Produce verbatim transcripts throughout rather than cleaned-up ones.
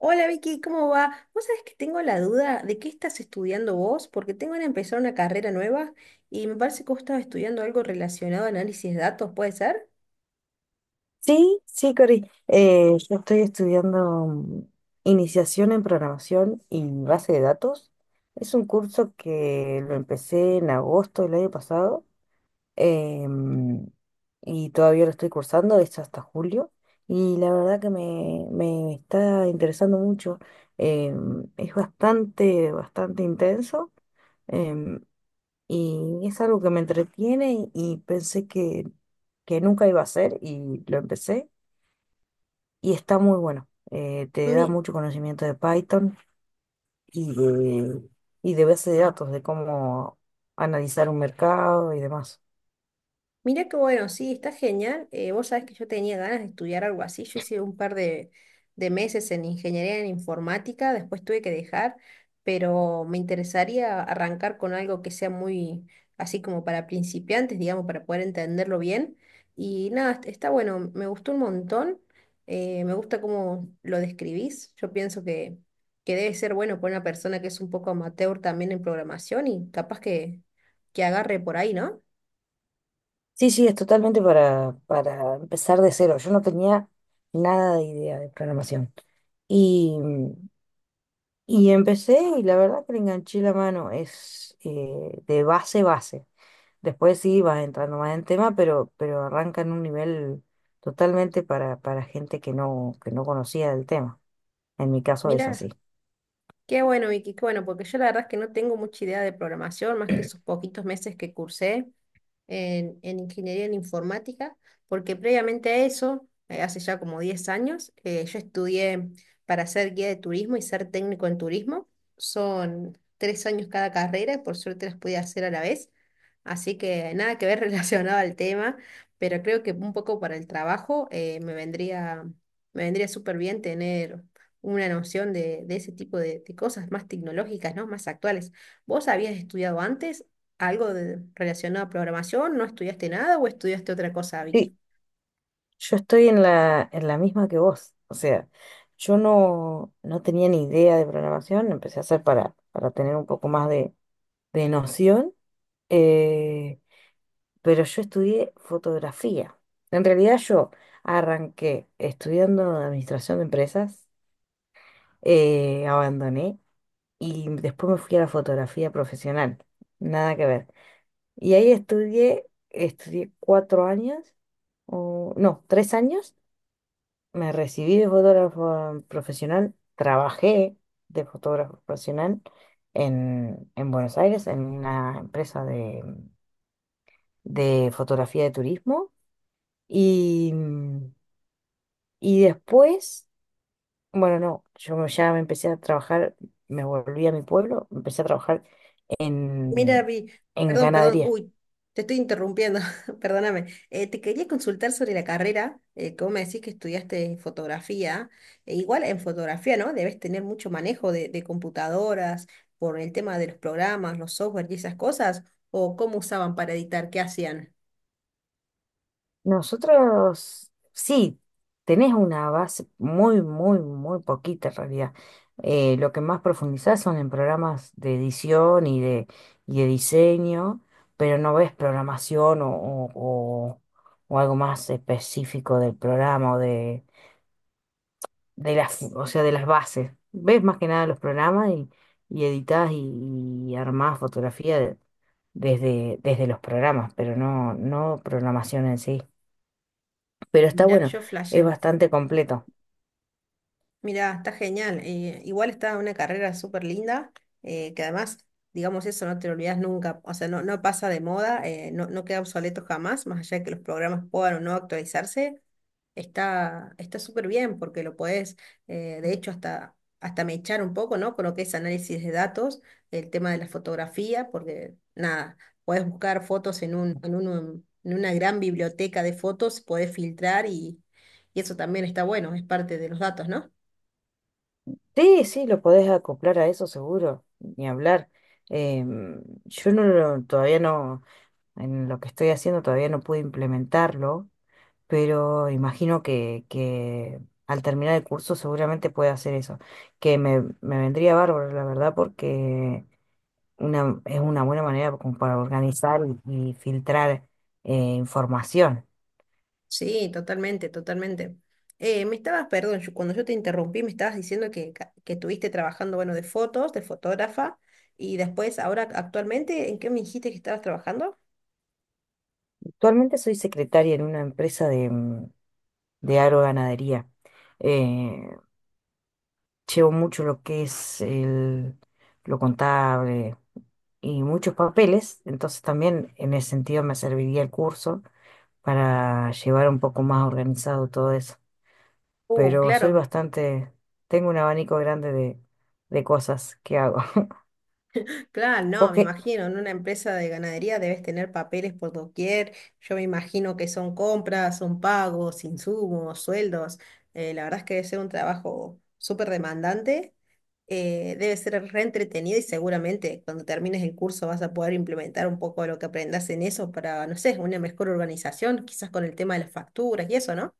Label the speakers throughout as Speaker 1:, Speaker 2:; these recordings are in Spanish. Speaker 1: Hola Vicky, ¿cómo va? Vos sabés que tengo la duda de qué estás estudiando vos, porque tengo que empezar una carrera nueva y me parece que vos estabas estudiando algo relacionado a análisis de datos, ¿puede ser?
Speaker 2: Sí, sí, Cori. Eh, yo estoy estudiando mm, iniciación en programación y base de datos. Es un curso que lo empecé en agosto del año pasado, em, y todavía lo estoy cursando, es hasta julio. Y la verdad que me, me está interesando mucho. Em, es bastante, bastante intenso, em, y es algo que me entretiene y, y pensé que, que nunca iba a hacer y lo empecé y está muy bueno. Eh, te da
Speaker 1: Mi-
Speaker 2: mucho conocimiento de Python y de, y de base de datos, de cómo analizar un mercado y demás.
Speaker 1: Mira que bueno, sí, está genial. Eh, vos sabés que yo tenía ganas de estudiar algo así. Yo hice un par de, de meses en ingeniería en informática, después tuve que dejar, pero me interesaría arrancar con algo que sea muy así como para principiantes, digamos, para poder entenderlo bien. Y nada, est- está bueno, me gustó un montón. Eh, me gusta cómo lo describís. Yo pienso que, que debe ser bueno para una persona que es un poco amateur también en programación y capaz que, que agarre por ahí, ¿no?
Speaker 2: Sí, sí, es totalmente para, para empezar de cero. Yo no tenía nada de idea de programación. Y, y empecé y la verdad que le enganché la mano. Es eh, de base, base. Después sí vas entrando más en tema, pero, pero arranca en un nivel totalmente para, para gente que no, que no conocía el tema. En mi caso es
Speaker 1: Mira.
Speaker 2: así.
Speaker 1: Qué bueno, Vicky, qué bueno, porque yo la verdad es que no tengo mucha idea de programación, más que esos poquitos meses que cursé en, en ingeniería en informática, porque previamente a eso, eh, hace ya como diez años, eh, yo estudié para ser guía de turismo y ser técnico en turismo. Son tres años cada carrera, y por suerte las pude hacer a la vez. Así que nada que ver relacionado al tema, pero creo que un poco para el trabajo eh, me vendría, me vendría súper bien tener una noción de, de ese tipo de, de cosas más tecnológicas, ¿no? Más actuales. ¿Vos habías estudiado antes algo de, relacionado a programación? ¿No estudiaste nada o estudiaste otra cosa,
Speaker 2: Sí,
Speaker 1: Vicky?
Speaker 2: yo estoy en la, en la misma que vos. O sea, yo no, no tenía ni idea de programación, empecé a hacer para, para tener un poco más de, de noción, eh, pero yo estudié fotografía. En realidad yo arranqué estudiando administración de empresas, eh, abandoné y después me fui a la fotografía profesional. Nada que ver. Y ahí estudié, estudié cuatro años, o, no, tres años. Me recibí de fotógrafo profesional, trabajé de fotógrafo profesional en, en Buenos Aires, en una empresa de, de fotografía de turismo. Y, y después, bueno, no, yo ya me empecé a trabajar, me volví a mi pueblo, empecé a trabajar
Speaker 1: Mira,
Speaker 2: en,
Speaker 1: Vi,
Speaker 2: en
Speaker 1: perdón, perdón,
Speaker 2: ganadería.
Speaker 1: uy, te estoy interrumpiendo, perdóname. Eh, te quería consultar sobre la carrera, eh, que vos me decís que estudiaste fotografía. E igual en fotografía, ¿no? Debes tener mucho manejo de, de computadoras por el tema de los programas, los software y esas cosas, o cómo usaban para editar, qué hacían.
Speaker 2: Nosotros sí, tenés una base muy, muy, muy poquita en realidad. Eh, lo que más profundizás son en programas de edición y de, y de diseño, pero no ves programación o, o- o- o algo más específico del programa o de, de las, o sea, de las bases. Ves más que nada los programas y, y editás y, y armás fotografía de- desde, desde los programas, pero no, no programación en sí. Pero está
Speaker 1: Mira,
Speaker 2: bueno,
Speaker 1: yo
Speaker 2: es
Speaker 1: flashé.
Speaker 2: bastante completo.
Speaker 1: Mira, está genial. Eh, igual está una carrera súper linda, eh, que además, digamos, eso no te lo olvidas nunca, o sea, no, no pasa de moda, eh, no, no queda obsoleto jamás, más allá de que los programas puedan o no actualizarse, está está súper bien porque lo podés, eh, de hecho, hasta, hasta echar un poco, ¿no? Con lo que es análisis de datos, el tema de la fotografía, porque nada, podés buscar fotos en un, en un- en una gran biblioteca de fotos, podés filtrar y, y eso también está bueno, es parte de los datos, ¿no?
Speaker 2: Sí, sí, lo podés acoplar a eso seguro, ni hablar. Em, yo no lo- todavía no, en lo que estoy haciendo todavía no pude implementarlo, pero imagino que, que al terminar el curso seguramente puede hacer eso, que me, me vendría bárbaro, la verdad, porque una, es una buena manera como para organizar y, y filtrar eh, información.
Speaker 1: Sí, totalmente, totalmente. Eh, me estabas, perdón, yo- cuando yo te interrumpí, me estabas diciendo que, ca- que estuviste trabajando, bueno, de fotos, de fotógrafa, y después, ahora, actualmente, ¿en qué me dijiste que estabas trabajando?
Speaker 2: Actualmente soy secretaria en una empresa de agroganadería. Eh, Llevo mucho lo que es el, lo contable y muchos papeles, entonces también en ese sentido me serviría el curso para llevar un poco más organizado todo eso.
Speaker 1: Uh,
Speaker 2: Pero soy
Speaker 1: claro,
Speaker 2: bastante, tengo un abanico grande de, de cosas que hago.
Speaker 1: claro, no, me
Speaker 2: Porque
Speaker 1: imagino, en una empresa de ganadería debes tener papeles por doquier, yo me imagino que son compras, son pagos, insumos, sueldos, eh, la verdad es que debe ser un trabajo súper demandante eh, debe ser reentretenido y seguramente cuando termines el curso vas a poder implementar un poco de lo que aprendas en eso para, no sé, una mejor organización, quizás con el tema de las facturas y eso, ¿no?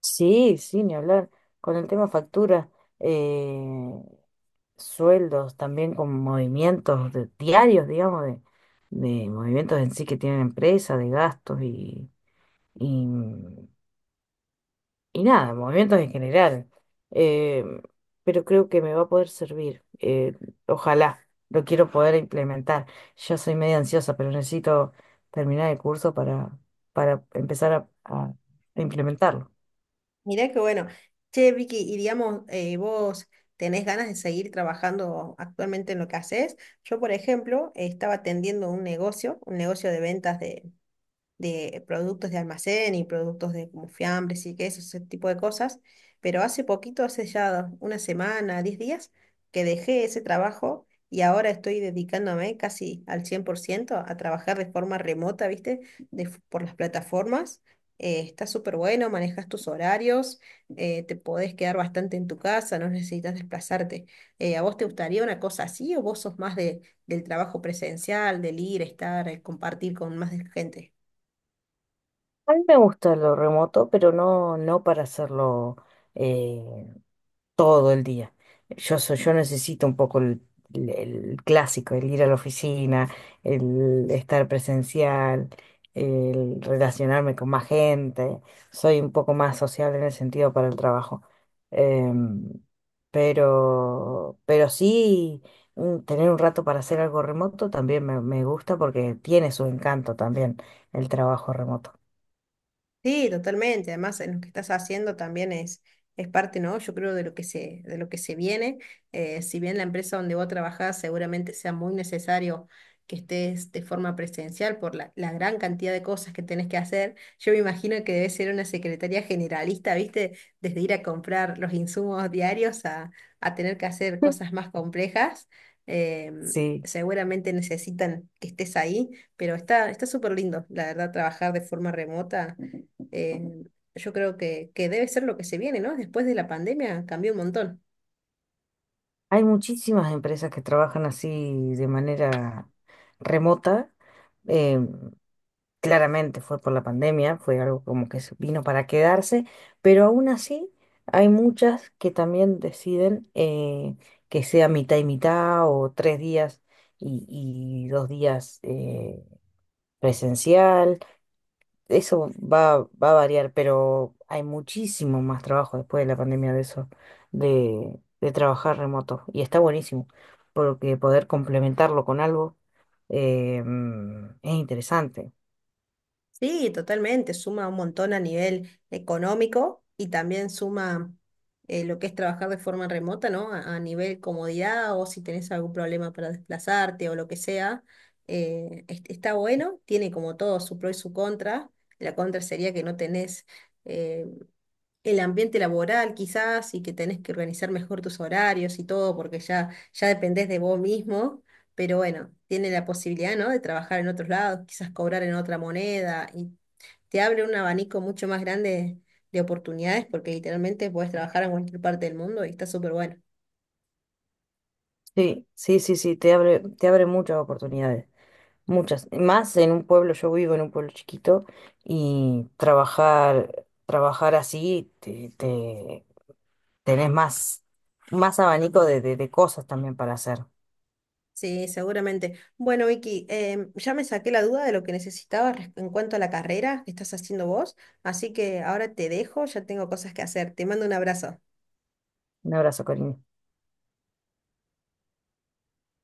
Speaker 2: sí, sí, ni hablar. Con el tema factura, eh, sueldos, también con movimientos de- diarios, digamos, de, de movimientos en sí que tienen empresa de gastos y, y, y nada, movimientos en general. Eh, pero creo que me va a poder servir. eh, ojalá, lo quiero poder implementar. Ya soy medio ansiosa, pero necesito terminar el curso para, para empezar a, a a implementarlo.
Speaker 1: Mirá que bueno. Che, Vicky, y digamos, eh, vos tenés ganas de seguir trabajando actualmente en lo que haces. Yo, por ejemplo, eh, estaba atendiendo un negocio, un negocio de ventas de de productos de almacén y productos de como fiambres y quesos, ese tipo de cosas, pero hace poquito, hace ya una semana, diez días, que dejé ese trabajo y ahora estoy dedicándome casi al cien por ciento a trabajar de forma remota, ¿viste? De f- por las plataformas. Eh, está súper bueno, manejas tus horarios, eh, te podés quedar bastante en tu casa, no necesitas desplazarte. Eh, ¿a vos te gustaría una cosa así o vos sos más de, del trabajo presencial, del ir, estar, eh, compartir con más gente?
Speaker 2: A mí me gusta lo remoto, pero no, no para hacerlo. eh, todo el día. Yo, soy- yo necesito un poco el, el- el clásico, el ir a la oficina, el estar presencial, el relacionarme con más gente. Soy un poco más social en el sentido para el trabajo. Em, pero, pero sí, mm, tener un rato para hacer algo remoto también me, me gusta porque tiene su encanto también el trabajo remoto.
Speaker 1: Sí, totalmente. Además, en lo que estás haciendo también es, es parte, ¿no? Yo creo de lo que se, de lo que se viene. Eh, si bien la empresa donde vos trabajás seguramente sea muy necesario que estés de forma presencial por la, la gran cantidad de cosas que tenés que hacer, yo me imagino que debe ser una secretaría generalista, ¿viste? Desde ir a comprar los insumos diarios a, a tener que hacer cosas más complejas. Em,
Speaker 2: Sí.
Speaker 1: seguramente necesitan que estés ahí. Pero está, está súper lindo, la verdad, trabajar de forma remota eh, yo creo que, que debe ser lo que se viene, ¿no? Después de la pandemia cambió un montón.
Speaker 2: Hay muchísimas empresas que trabajan así de manera remota. Eh, claramente fue por la pandemia, fue algo como que se vino para quedarse, pero aún así hay muchas que también deciden eh, que sea mitad y mitad o tres días y, y dos días, eh, presencial. Eso va, va a variar, pero hay muchísimo más trabajo después de la pandemia de eso, de, de trabajar remoto. Y está buenísimo, porque poder complementarlo con algo, eh, mm, es interesante.
Speaker 1: Sí, totalmente, suma un montón a nivel económico y también suma eh, lo que es trabajar de forma remota, ¿no? A, a nivel comodidad o si tenés algún problema para desplazarte o lo que sea. Eh, es- está bueno, tiene como todo su pro y su contra. La contra sería que no tenés eh, el ambiente laboral quizás y que tenés que organizar mejor tus horarios y todo porque ya, ya dependés de vos mismo, pero bueno, tiene la posibilidad, ¿no? De trabajar en otros lados, quizás cobrar en otra moneda y te abre un abanico mucho más grande de oportunidades porque literalmente podés trabajar en cualquier parte del mundo y está súper bueno.
Speaker 2: Sí, sí, sí, sí, te abre, te abre muchas oportunidades, muchas. Más en un pueblo, yo vivo en un pueblo chiquito y trabajar, trabajar así, te, te- tenés más, más abanico de, de de cosas también para hacer.
Speaker 1: Sí, seguramente. Bueno, Vicky, em, ya me saqué la duda de lo que necesitaba res- en cuanto a la carrera que estás haciendo vos, así que ahora te dejo, ya tengo cosas que hacer. Te mando un abrazo.
Speaker 2: Un abrazo, Corina.